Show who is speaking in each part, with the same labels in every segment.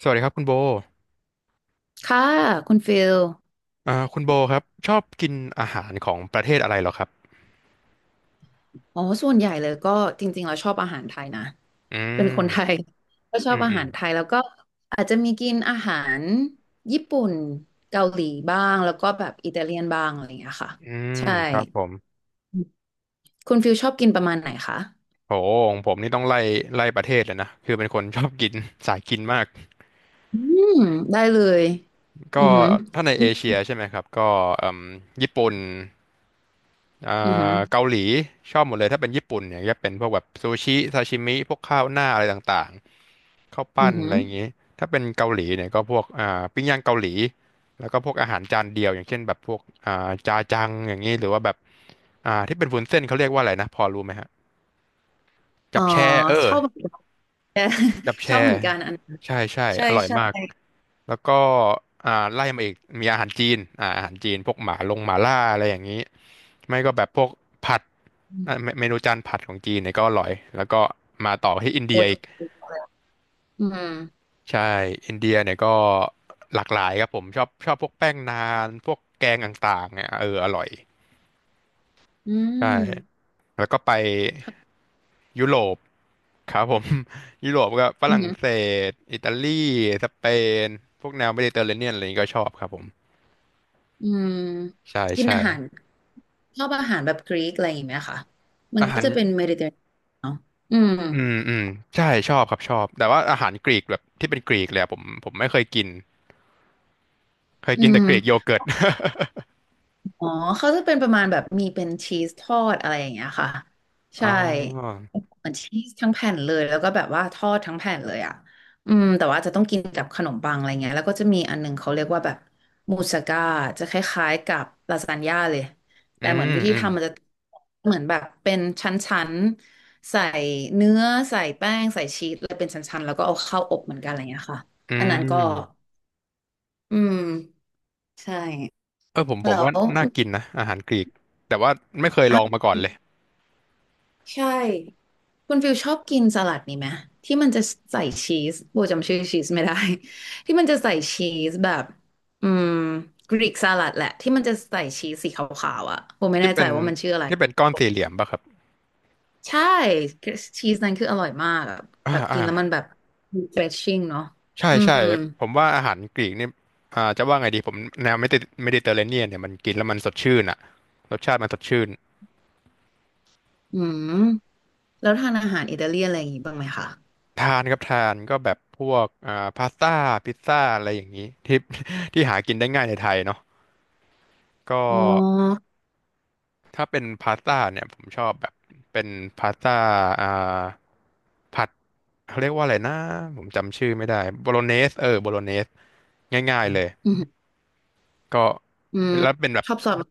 Speaker 1: สวัสดีครับคุณโบ
Speaker 2: ค่ะคุณฟิล
Speaker 1: คุณโบครับชอบกินอาหารของประเทศอะไรเหรอครับ
Speaker 2: อ๋อส่วนใหญ่เลยก็จริงๆเราชอบอาหารไทยนะ
Speaker 1: อื
Speaker 2: เป็นคนไทย
Speaker 1: ม
Speaker 2: ก็ชอ
Speaker 1: อื
Speaker 2: บ
Speaker 1: ม
Speaker 2: อา
Speaker 1: อื
Speaker 2: หา
Speaker 1: ม
Speaker 2: รไทยแล้วก็อาจจะมีกินอาหารญี่ปุ่นเกาหลีบ้างแล้วก็แบบอิตาเลียนบ้างอะไรอย่างเงี้ยค่ะ
Speaker 1: อืม
Speaker 2: ใช่
Speaker 1: ครับผม
Speaker 2: คุณฟิลชอบกินประมาณไหนคะ
Speaker 1: โหของผมนี่ต้องไล่ประเทศเลยนะ คือเป็นคนชอบกิน สายกินมาก
Speaker 2: อืมได้เลยอื
Speaker 1: ก็
Speaker 2: อหือ
Speaker 1: ถ้าในเอเชียใช่ไหมครับก็เอ่มญี่ปุ่นอ่
Speaker 2: อือหือ
Speaker 1: าเกาหลีชอบหมดเลยถ้าเป็นญี่ปุ่นเนี่ยจะเป็นพวกแบบซูชิซาชิมิพวกข้าวหน้าอะไรต่างๆ ข้าว
Speaker 2: อื
Speaker 1: ปั้
Speaker 2: อ
Speaker 1: น
Speaker 2: หื
Speaker 1: อะ
Speaker 2: อ
Speaker 1: ไรอย่างนี้ถ้าเป็นเกาหลีเนี่ยก็พวกปิ้งย่างเกาหลีแล้วก็พวกอาหารจานเดียวอย่างเช่นแบบพวกจาจังอย่างนี้หรือว่าแบบที่เป็นวุ้นเส้นเขาเรียกว่าอะไรนะพอรู้ไหมฮะ
Speaker 2: อ๋
Speaker 1: จั
Speaker 2: อ
Speaker 1: บแช่เอ
Speaker 2: ช
Speaker 1: อ
Speaker 2: อบเหมือนกัน
Speaker 1: จับ
Speaker 2: ชอบ
Speaker 1: แช่
Speaker 2: เหมือนกันอันนั้น
Speaker 1: ใช่ใช่
Speaker 2: ใช่
Speaker 1: อร่อย
Speaker 2: ใช่
Speaker 1: มากแล้วก็ไล่มาอีกมีอาหารจีนพวกหมาลงหมาล่าอะไรอย่างนี้ไม่ก็แบบพวกผัด
Speaker 2: อื
Speaker 1: อ่ะเม
Speaker 2: ม
Speaker 1: เมนูจานผัดของจีนเนี่ยก็อร่อยแล้วก็มาต่อที่อิน
Speaker 2: โอ
Speaker 1: เดียอี
Speaker 2: ทู
Speaker 1: ก
Speaker 2: อะไรอืม
Speaker 1: ใช่อินเดียเนี่ยก็หลากหลายครับผมชอบพวกแป้งนานพวกแกงต่างๆเนี่ยเอออร่อย
Speaker 2: อื
Speaker 1: ใช่
Speaker 2: ม
Speaker 1: แล้วก็ไป
Speaker 2: ค่
Speaker 1: ยุโรปครับผม ยุโรปก็ฝรั่ง
Speaker 2: ะ
Speaker 1: เศสอิตาลีสเปนพวกแนวเมดิเตอร์เรเนียนอะไรนี้ก็ชอบครับผม
Speaker 2: อืม
Speaker 1: ใช่
Speaker 2: กิน
Speaker 1: ใช่
Speaker 2: อาหารชอบอาหารแบบกรีกอะไรอย่างเงี้ยค่ะมัน
Speaker 1: อา
Speaker 2: ก็
Speaker 1: หาร
Speaker 2: จะเป็นเมดิเตอร์เนาะอืม
Speaker 1: อืมอืมใช่ชอบครับชอบแต่ว่าอาหารกรีกแบบที่เป็นกรีกเลยอะผมไม่เคยกินเคย
Speaker 2: อื
Speaker 1: กินแต่
Speaker 2: ม
Speaker 1: กรีกโยเกิร์ต
Speaker 2: อ๋อเขาจะเป็นประมาณแบบมีเป็นชีสทอดอะไรอย่างเงี้ยค่ะ
Speaker 1: อ๋
Speaker 2: ใช่
Speaker 1: อ
Speaker 2: เหมือนชีสทั้งแผ่นเลยแล้วก็แบบว่าทอดทั้งแผ่นเลยอ่ะอืมแต่ว่าจะต้องกินกับขนมปังอะไรเงี้ยแล้วก็จะมีอันหนึงเขาเรียกว่าแบบมูสก้าจะคล้ายๆกับลาซานญ่าเลย
Speaker 1: อื
Speaker 2: แต่เหมือน
Speaker 1: ม
Speaker 2: วิธี
Speaker 1: อืม
Speaker 2: ทำมันจะเหมือนแบบเป็นชั้นๆใส่เนื้อใส่แป้งใส่ชีสแล้วเป็นชั้นๆแล้วก็เอาเข้าอบเหมือนกันอะไรเงี้ยค่ะ
Speaker 1: อื
Speaker 2: อันนั้นก็
Speaker 1: ม
Speaker 2: อืมใช่
Speaker 1: เออผมผ
Speaker 2: แล้
Speaker 1: มว่า
Speaker 2: ว
Speaker 1: น่ากินนะอาหารกรีกแต่ว่าไม่เคยล
Speaker 2: อ่ะ
Speaker 1: องมาก่อนเลย
Speaker 2: ใช่คุณฟิลชอบกินสลัดนี่ไหมที่มันจะใส่ชีสโบจำชื่อชีสไม่ได้ ที่มันจะใส่ชีสแบบอืมกรีกสลัดแหละที่มันจะใส่ชีสสีขาวๆอ่ะโบไม่
Speaker 1: ที่
Speaker 2: แน่
Speaker 1: เป็
Speaker 2: ใจ
Speaker 1: น
Speaker 2: ว่ามันชื่ออะไร
Speaker 1: ที่เป็นก้อนสี่เหลี่ยมป่ะครับ
Speaker 2: ใช่ชีสนั้นคืออร่อยมากอะแบ
Speaker 1: อ่า
Speaker 2: บกิ
Speaker 1: อ่า
Speaker 2: นแล้วมันแบบ refreshing เนาะ
Speaker 1: ใช่
Speaker 2: อื
Speaker 1: ใช่
Speaker 2: ม
Speaker 1: ผมว่าอาหารกรีกนี่จะว่าไงดีผมแนวเมดิเตอร์เรเนียนเนี่ยมันกินแล้วมันสดชื่นอ่ะรสชาติมันสดชื่น
Speaker 2: อืมแล้วทานอาหารอิตาเลียนอะไรอย่างงี้บ้างไหมคะ
Speaker 1: ทานครับทานก็แบบพวกพาสต้าพิซซ่าอะไรอย่างนี้ที่หากินได้ง่ายในไทยเนาะก็
Speaker 2: อ๋อ
Speaker 1: ถ้าเป็นพาสต้าเนี่ยผมชอบแบบเป็นพาสต้าอ่าผัดเขาเรียกว่าอะไรนะผมจำชื่อไม่ได้โบโลเนสเออโบโลเนสง่ายๆเลย
Speaker 2: อืม
Speaker 1: ก็
Speaker 2: อืม
Speaker 1: เป็นแล้วเป็นแบบ
Speaker 2: ชอบซอสมะ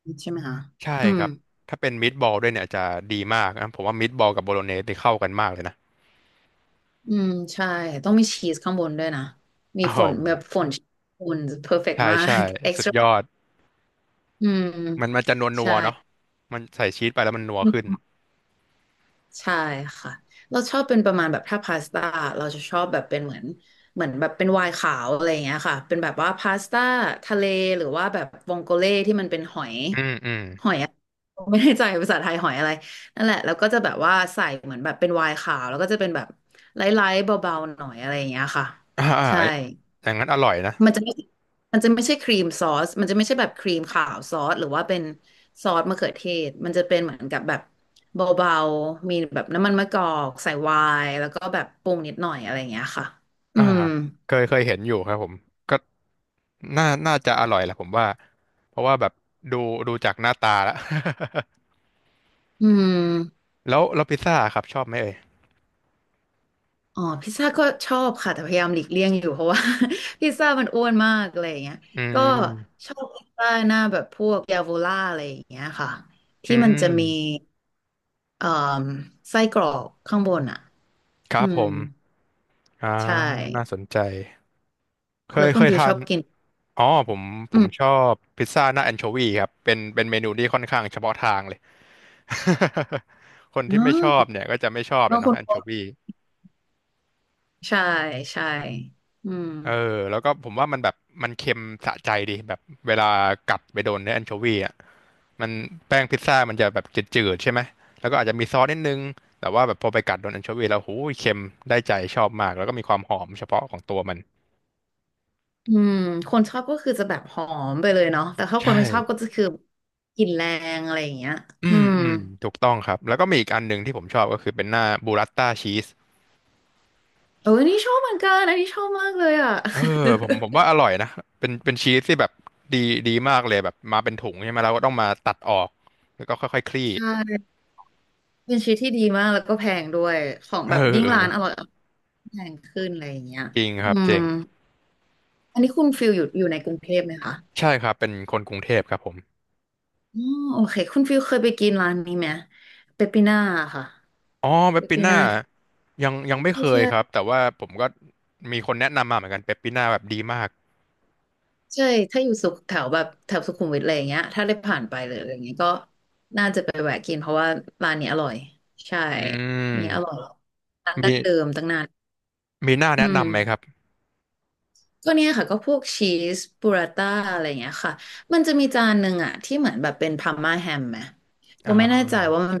Speaker 2: เขือเทศใช่ไหมคะ
Speaker 1: ใช่
Speaker 2: อื
Speaker 1: ค
Speaker 2: ม
Speaker 1: รับถ้าเป็นมิตบอลด้วยเนี่ยจะดีมากนะผมว่ามิตบอลกับโบโลเนสที่เข้ากันมากเลยนะ
Speaker 2: อืมใช่ต้องมีชีสข้างบนด้วยนะมี
Speaker 1: โอ้โห
Speaker 2: ฝนแบบฝนฝนเพอร์เฟกต์
Speaker 1: ใช่
Speaker 2: มา
Speaker 1: ใช่
Speaker 2: ก เอ็ก
Speaker 1: สุ
Speaker 2: ซ์ต
Speaker 1: ดย
Speaker 2: ร้า
Speaker 1: อด
Speaker 2: อืม
Speaker 1: มันจะนวลนั
Speaker 2: ใช่
Speaker 1: วเนาะมันใส่ชีสไปแล้วมันนัวขึ้น
Speaker 2: ใช่ค่ะเราชอบเป็นประมาณแบบถ้าพาสต้าเราจะชอบแบบเป็นเหมือนเหมือนแบบเป็นไวน์ขาวอะไรอย่างเงี้ยค่ะเป็นแบบว่าพาสต้าทะเลหรือว่าแบบวองโกเล่ที่มันเป็นหอย
Speaker 1: อืมอืม
Speaker 2: หอยอะไม่แน่ใจภาษาไทยหอยอะไรนั่นแหละแล้วก็จะแบบว่าใส่เหมือนแบบเป็นไวน์ขาวแล้วก็จะเป็นแบบไลท์ๆเบาๆหน่อยอะไรอย่างเงี้ยค่ะ
Speaker 1: อ่าอ่า
Speaker 2: ใช่
Speaker 1: อย่างนั้นอร่อยนะ
Speaker 2: มันจะไม่มันจะไม่ใช่ครีมซอส มันจะไม่ใช่แบบครีมขาวซอสหรือว่าเป็นซอสมะเขือเทศมันจะเป็นเหมือนกับแบบเบาๆ มีแบบน้ำมันมะกอกใส่ไวน์แล้วก็แบบปรุงนิดหน่อยอะไรอย่างเงี้ยค่ะอื
Speaker 1: อ่า
Speaker 2: ม
Speaker 1: เคยเห็นอยู่ครับผมก็น่าจะอร่อยแหละผมว่าเพราะว่าแบบดูดูจากหน้าตาแล้ว
Speaker 2: อืม
Speaker 1: แล้วพิซซ่าครับชอบไหมเอ่ย
Speaker 2: อ๋อ พิซซ่าก็ชอบค่ะ แต่พยายามหลีกเลี่ยงอยู่เพราะว่า พิซซ่ามันอ้วนมากอะไรอย่างเงี้ย
Speaker 1: อื
Speaker 2: ก็
Speaker 1: ม
Speaker 2: ชอบพิซซ่าหน้าแบบพวกยาโวล่าอะไรอย่างเงี้ยค่ะ
Speaker 1: อื
Speaker 2: ที่มัน
Speaker 1: ม
Speaker 2: จะมีเอ่อไส้กรอกข้างบนอ่ะ
Speaker 1: ค
Speaker 2: อื
Speaker 1: รับผ
Speaker 2: ม
Speaker 1: มอ่า
Speaker 2: ใช่
Speaker 1: น่าสนใจเค
Speaker 2: แล้
Speaker 1: ย
Speaker 2: วคุ
Speaker 1: เค
Speaker 2: ณ
Speaker 1: ย
Speaker 2: ฟิว
Speaker 1: ทา
Speaker 2: ช
Speaker 1: น
Speaker 2: อบกิน
Speaker 1: อ๋อผมผ
Speaker 2: อื
Speaker 1: ม
Speaker 2: ม
Speaker 1: ชอบพิซซ่าหน้าแอนโชวีครับเป็นเมนูที่ค่อนข้างเฉพาะทางเลย คน
Speaker 2: อ๋
Speaker 1: ที่ไม่ชอบ
Speaker 2: อ
Speaker 1: เนี่ยก็จะไม่ชอบเล
Speaker 2: บา
Speaker 1: ย
Speaker 2: งค
Speaker 1: เนาะ
Speaker 2: น
Speaker 1: แอน
Speaker 2: บ
Speaker 1: โช
Speaker 2: อก
Speaker 1: วี
Speaker 2: ใช่ใช่อืม
Speaker 1: เออแล้วก็ผมว่ามันแบบมันเค็มสะใจดีแบบเวลากัดไปโดนเนื้อแอนโชวีอ่ะมันแป้งพิซซ่ามันจะแบบจืดๆใช่ไหมแล้วก็อาจจะมีซอสนิดนึงแต่ว่าแบบพอไปกัดโดนแอนโชวีแล้วหูยเค็มได้ใจชอบมากแล้วก็มีความหอมเฉพาะของตัวมัน
Speaker 2: อืมคนชอบก็คือจะแบบหอมไปเลยเนาะแต่ถ้าค
Speaker 1: ใช่
Speaker 2: นไม่ชอบก็จะคือกลิ่นแรงอะไรอย่างเงี้ย
Speaker 1: อื
Speaker 2: อื
Speaker 1: ม
Speaker 2: ม
Speaker 1: อืมถูกต้องครับแล้วก็มีอีกอันหนึ่งที่ผมชอบก็คือเป็นหน้าบูรัตต้าชีส
Speaker 2: เอออันนี่ชอบเหมือนกันอันนี้ชอบมากเลยอ่ะ
Speaker 1: เออผมว่าอร่อยนะเป็นชีสที่แบบดีดีมากเลยแบบมาเป็นถุงใช่ไหมเราก็ต้องมาตัดออกแล้วก็ค่อยๆค ลี่
Speaker 2: ใช่เป็นชีวิตที่ดีมากแล้วก็แพงด้วยของ
Speaker 1: เอ
Speaker 2: แบ
Speaker 1: อ
Speaker 2: บยิ่งร้านอร่อยแพงขึ้นอะไรอย่างเงี้ย
Speaker 1: จริงค
Speaker 2: อื
Speaker 1: รับจ
Speaker 2: ม
Speaker 1: ริง
Speaker 2: อันนี้คุณฟิลอยู่ในกรุงเทพไหมคะ
Speaker 1: ใช่ครับเป็นคนกรุงเทพครับผม
Speaker 2: อ๋อโอเคคุณฟิลเคยไปกินร้านนี้ไหมเปปปิน่าค่ะ
Speaker 1: อ๋อเป
Speaker 2: เป
Speaker 1: ป
Speaker 2: ป
Speaker 1: ปิ
Speaker 2: ปิ
Speaker 1: น่า
Speaker 2: น่าท
Speaker 1: ยังไม่
Speaker 2: ี่
Speaker 1: เค
Speaker 2: ใช่
Speaker 1: ยครับ
Speaker 2: ใช่
Speaker 1: แต่ว่าผมก็มีคนแนะนำมาเหมือนกันเปปปิน่าแบบดีมาก
Speaker 2: ใช่ถ้าอยู่สุขแถวแบบแถวสุขุมวิทอะไรอย่างเงี้ยถ้าได้ผ่านไปเลยออะไรอย่างเงี้ยก็น่าจะไปแวะกินเพราะว่าร้านนี้อร่อยใช่
Speaker 1: อื
Speaker 2: นี่อร่อย
Speaker 1: ม
Speaker 2: ร้าน
Speaker 1: มี
Speaker 2: ดั้งเดิมตั้งนาน
Speaker 1: มีหน้าแนะ
Speaker 2: อืม
Speaker 1: นำไหมครับ
Speaker 2: ก็เนี่ยค่ะก็พวกชีสบูราต้าอะไรอย่างเงี้ยค่ะมันจะมีจานหนึ่งอะที่เหมือนแบบเป็นพาร์มาแฮมไหมโบ
Speaker 1: อ่
Speaker 2: ไม่แน่ใจ
Speaker 1: า
Speaker 2: ว่ามัน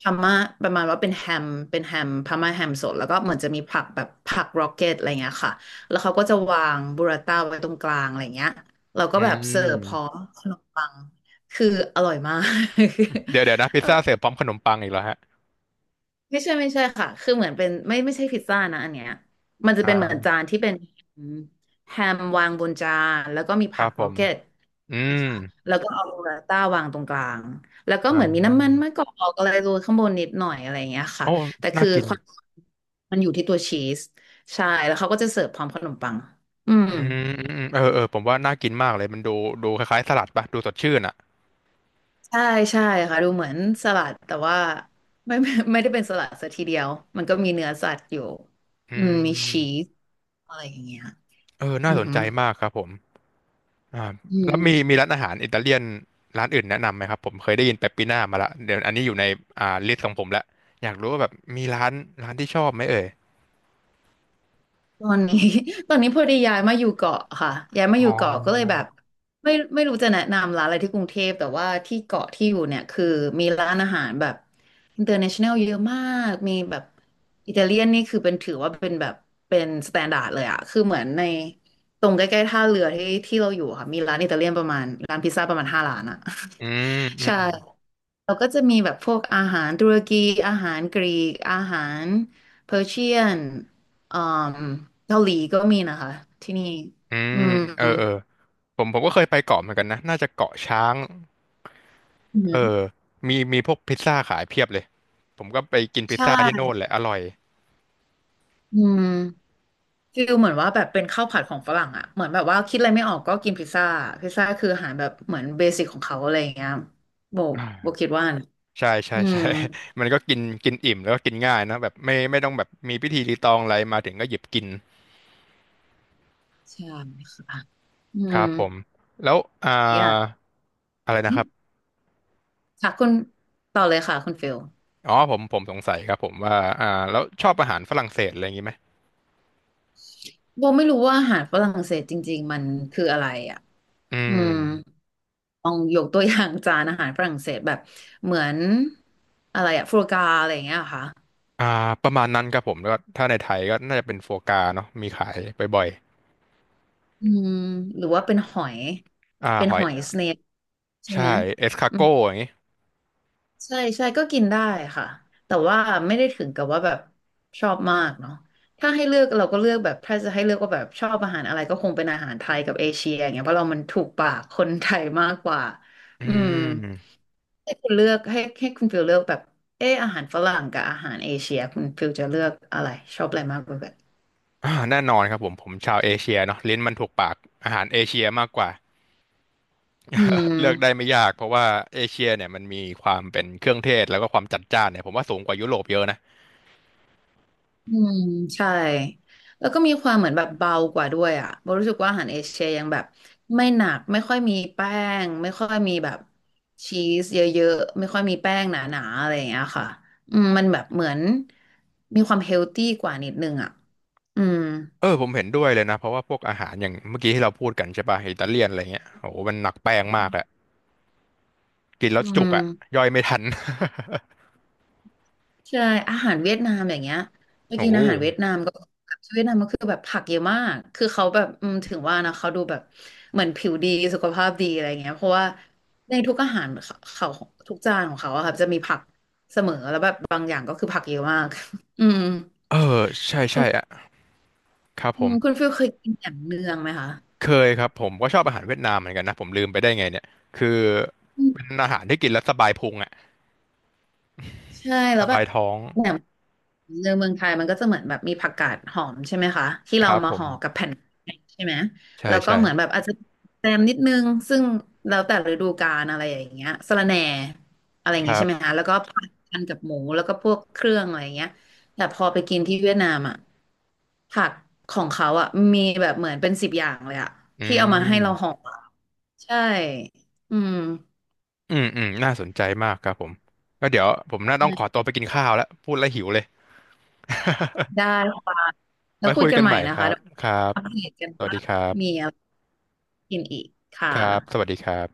Speaker 2: พาร์มาประมาณว่าเป็นแฮมเป็นแฮมพาร์มาแฮมสดแล้วก็เหมือนจะมีผักแบบผักร็อกเก็ตอะไรเงี้ยค่ะแล้วเขาก็จะวางบูราต้าไว้ตรงกลางอะไรเงี้ยเราก็
Speaker 1: อื
Speaker 2: แบบเสิร์ฟพร้อ
Speaker 1: ม
Speaker 2: มขนมปังคืออร่อยมาก
Speaker 1: เดี๋ยวเดี๋ยวนะ พิ
Speaker 2: เอ
Speaker 1: ซ
Speaker 2: อ
Speaker 1: ซ่าเสิร์ฟพร้อมขนมปังอีกแล้วฮะ
Speaker 2: ไม่ใช่ไม่ใช่ค่ะ คือเหมือนเป็นไม่ใช่พิซซ่านะอันเนี้ยมันจะเป็นเหมือน
Speaker 1: อ่า
Speaker 2: จานที่เป็นแฮมวางบนจานแล้วก็มี
Speaker 1: ค
Speaker 2: ผั
Speaker 1: รับ
Speaker 2: ก
Speaker 1: ผ
Speaker 2: โร
Speaker 1: ม
Speaker 2: เกต
Speaker 1: อื
Speaker 2: นะ
Speaker 1: ม
Speaker 2: คะแล้วก็เอาโรลต้าวางตรงกลาง แล้วก็
Speaker 1: อ่า
Speaker 2: เหมือนมีน้ำมันมะกอกอะไรโรยข้างบนนิดหน่อยอะไรอย่างเงี้ยค่ะ
Speaker 1: โอ้
Speaker 2: แต่
Speaker 1: น่า
Speaker 2: คือ
Speaker 1: กิน
Speaker 2: ความมันอยู่ที่ตัวชีสใช่ แล้วเขาก็จะเสิร์ฟพร้อมขนมปังอืม
Speaker 1: อืมอืมอืมเออเออผมว่าน่ากินมากเลยมันดูคล้ายๆสลัดปะดูสดชื่นอ่ะ
Speaker 2: ใช่ใช่ค่ะดูเหมือนสลัดแต่ว่าไม่ ไม่ได้เป็นสลัดซะทีเดียวมันก็มีเนื้อสัตว์อยู่
Speaker 1: อื
Speaker 2: อืมมีชี
Speaker 1: ม
Speaker 2: สอะไรอย่างเงี้ย
Speaker 1: เออน่า
Speaker 2: อือ
Speaker 1: สน
Speaker 2: หื
Speaker 1: ใจ
Speaker 2: อ
Speaker 1: มากครับผม อ่า
Speaker 2: อื
Speaker 1: แล้ว
Speaker 2: ม
Speaker 1: มีร้านอาหารอิตาเลียนร้านอื่นแนะนำไหมครับผมเคยได้ยินเปปปิน่ามาละเดี๋ยวอันนี้อยู่ในลิสต์ของผมละอยากรู้ว่าแบบมีร้านที่ชอบไหมเอ่ย
Speaker 2: ตอนนี้ ตอนนี้พอดีย้ายมาอยู่เกาะค่ะย้ายมา
Speaker 1: อ๋
Speaker 2: อยู่เกาะก็เลยแบ
Speaker 1: อ
Speaker 2: บไม่รู้จะแนะนำร้านอะไรที่กรุงเทพแต่ว่าที่เกาะที่อยู่เนี่ยคือมีร้านอาหารแบบ international เยอะมากมีแบบอิตาเลียนนี่คือเป็นถือว่าเป็นแบบเป็นสแตนดาร์ดเลยอะคือเหมือนในตรงใกล้ๆท่าเรือที่ที่เราอยู่อะค่ะมีร้านอิตาเลียนประมาณร้านพิซซ่าประมาณห้าร้านอะ
Speaker 1: อืมอืม
Speaker 2: ใช่
Speaker 1: อืม
Speaker 2: เราก็จะมีแบบพวกอาหารตุรกีอาหารกรีกอาหารเพอร์เชียนอืมเกาหลีก็มีนะคะที่นี่
Speaker 1: อืม
Speaker 2: อืม
Speaker 1: เออเออผมก็เคยไปเกาะเหมือนกันนะน่าจะเกาะช้าง
Speaker 2: อื
Speaker 1: เออ
Speaker 2: ม
Speaker 1: มีพวกพิซซ่าขายเพียบเลยผมก็ไปกินพิซ
Speaker 2: ใช่
Speaker 1: ซ่าที่โน่นแหละอร่อย
Speaker 2: อืมฟิลเหมือนว่าแบบเป็นข้าวผัดของฝรั่งอ่ะเหมือนแบบว่าคิดอะไรไม่ออกก็กินพิซซ่าพิซซ่าคืออาหารแบบเหมือนเบสิกของเขาอะไรอย่างเงี้ยโบ
Speaker 1: อ่า
Speaker 2: โบคิดว่านะ
Speaker 1: ใช่ใช่
Speaker 2: อืม
Speaker 1: ใช่ มันก็กินกินอิ่มแล้วก็กินง่ายนะแบบไม่ต้องแบบมีพิธีรีตองอะไรมาถึงก็หยิบกิน
Speaker 2: ใช่ค่ะอื
Speaker 1: ครั
Speaker 2: ม
Speaker 1: บผมแล้วอ่า
Speaker 2: อยาก
Speaker 1: อะไรนะครับ
Speaker 2: ค่ะคุณต่อเลยค่ะคุณฟิล
Speaker 1: อ๋อผมสงสัยครับผมว่าอ่าแล้วชอบอาหารฝรั่งเศสอะไรอย่างนี้ไหม
Speaker 2: โบไม่รู้ว่าอาหารฝรั่งเศสจริงๆมันคืออะไรอ่ะ
Speaker 1: อื
Speaker 2: อื
Speaker 1: ม
Speaker 2: มลองยกตัวอย่างจานอาหารฝรั่งเศสแบบเหมือนอะไรอะฟรูกาอะไรอย่างเงี้ยเหรอค่ะ
Speaker 1: อ่าประมาณนั้นครับผมแล้วก็ถ้าในไทยก็น่าจะเป็นโฟกาเนาะมีขายบ่อย
Speaker 2: อืมหรือว่าเป็นหอย
Speaker 1: ๆอ่า
Speaker 2: เป็น
Speaker 1: หอ
Speaker 2: ห
Speaker 1: ย
Speaker 2: อยสเนปใช่
Speaker 1: ใช่
Speaker 2: ไหม
Speaker 1: เอสคา
Speaker 2: อื
Speaker 1: โก้อย่างนี้
Speaker 2: ใช่ใช่ก็กินได้ค่ะแต่ว่าไม่ได้ถึงกับว่าแบบชอบมากเนาะถ้าให้เลือกเราก็เลือกแบบถ้าจะให้เลือกก็แบบชอบอาหารอะไรก็คงเป็นอาหารไทยกับเอเชียอย่างเงี้ยเพราะเรามันถูกปากคนไทยมากกว่า
Speaker 1: อื
Speaker 2: อืม
Speaker 1: ม
Speaker 2: ให้คุณเลือกให้คุณฟิลเลือกแบบเอออาหารฝรั่งกับอาหารเอเชียคุณฟิลจะเลือกอะไรชอบอะไรมากกว่ากัน
Speaker 1: แน่นอนครับผมชาวเอเชียเนาะลิ้นมันถูกปากอาหารเอเชียมากกว่า
Speaker 2: อืม
Speaker 1: เลือกได้ไม่ยากเพราะว่าเอเชียเนี่ยมันมีความเป็นเครื่องเทศแล้วก็ความจัดจ้านเนี่ยผมว่าสูงกว่ายุโรปเยอะนะ
Speaker 2: อืมใช่แล้วก็มีความเหมือนแบบเบากว่าด้วยอ่ะโบรู้สึกว่าอาหารเอเชียยังแบบไม่หนักไม่ค่อยมีแป้งไม่ค่อยมีแบบชีสเยอะๆไม่ค่อยมีแป้งหนาๆอะไรอย่างเงี้ยค่ะอืมมันแบบเหมือนมีความเฮลตี้กว่านิดนึงอ่ะอืม
Speaker 1: เออผมเห็นด้วยเลยนะเพราะว่าพวกอาหารอย่างเมื่อกี้ที่เราพูดกันใช่ป่ะอิตาเลียนอะไรเงี้ยโอ้โหมันหนักแป้งมากอะกินแล้ว
Speaker 2: อื
Speaker 1: จุกอะ
Speaker 2: ม
Speaker 1: ย่อยไม่ทัน
Speaker 2: ใช่อาหารเวียดนามอย่างเงี้ยไป
Speaker 1: โอ้
Speaker 2: กิน
Speaker 1: โห
Speaker 2: อาหารเวียดนามก็แบบเวียดนามก็คือแบบผักเยอะมากคือเขาแบบอืมถึงว่านะเขาดูแบบเหมือนผิวดีสุขภาพดีอะไรเงี้ยเพราะว่าในทุกอาหารเขาทุกจานของเขาอะครับจะมีผักเสมอแล้วแบบบางอย่างก็คือผักเยอะมาก อืม
Speaker 1: เออใช่ใช่อะครับ
Speaker 2: อื
Speaker 1: ผม
Speaker 2: มคุณฟิลเคยกินแหนมเนืองไหมคะ
Speaker 1: เคยครับผมก็ชอบอาหารเวียดนามเหมือนกันนะผมลืมไปได้ไงเนี่ยคือเป็นอาหารที่กินแล้วสบายพุงอะ
Speaker 2: ใช่
Speaker 1: ส
Speaker 2: แล้วแบ
Speaker 1: บา
Speaker 2: บ
Speaker 1: ยท้อง
Speaker 2: เนี่ยในเมืองไทยมันก็จะเหมือนแบบมีผักกาดหอมใช่ไหมคะที่
Speaker 1: ค
Speaker 2: เรา
Speaker 1: รับผ
Speaker 2: มา
Speaker 1: ม
Speaker 2: ห่อกับแผ่นใช่ไหม
Speaker 1: ใช่
Speaker 2: แล้วก็
Speaker 1: ใช่
Speaker 2: เหมือนแบบอาจจะแซมนิดนึงซึ่งแล้วแต่ฤดูกาลอะไรอย่างเงี้ยสะระแหน่อะไรอย่า
Speaker 1: ค
Speaker 2: งงี้
Speaker 1: รั
Speaker 2: ใช่ไหม
Speaker 1: บ
Speaker 2: คะแล้วก็ผัดกันกับหมูแล้วก็พวกเครื่องอะไรอย่างเงี้ยแต่พอไปกินที่เวียดนามอ่ะผักของเขาอ่ะมีแบบเหมือนเป็น10 อย่างเลยอ่ะ
Speaker 1: อื
Speaker 2: ที่เอามาให้เราห่อ
Speaker 1: ม
Speaker 2: อะใช่อืม
Speaker 1: อืมอืมน่าสนใจมากครับผมก็เดี๋ยวผมน่าต้องขอตัวไปกินข้าวแล้วพูดแล้วหิวเลย
Speaker 2: ได้ค่ะแล้ว
Speaker 1: ไว้
Speaker 2: คุ
Speaker 1: คุ
Speaker 2: ย
Speaker 1: ย
Speaker 2: กัน
Speaker 1: กัน
Speaker 2: ใหม่
Speaker 1: ใหม่
Speaker 2: นะ
Speaker 1: ครั
Speaker 2: คะ
Speaker 1: บ
Speaker 2: เดี๋ยว
Speaker 1: ครับ
Speaker 2: อัปเดตกัน
Speaker 1: สวัส
Speaker 2: ว่า
Speaker 1: ดีครั
Speaker 2: มี
Speaker 1: บ
Speaker 2: อะไรกินอีกค่ะ
Speaker 1: ครับสวัสดีครับ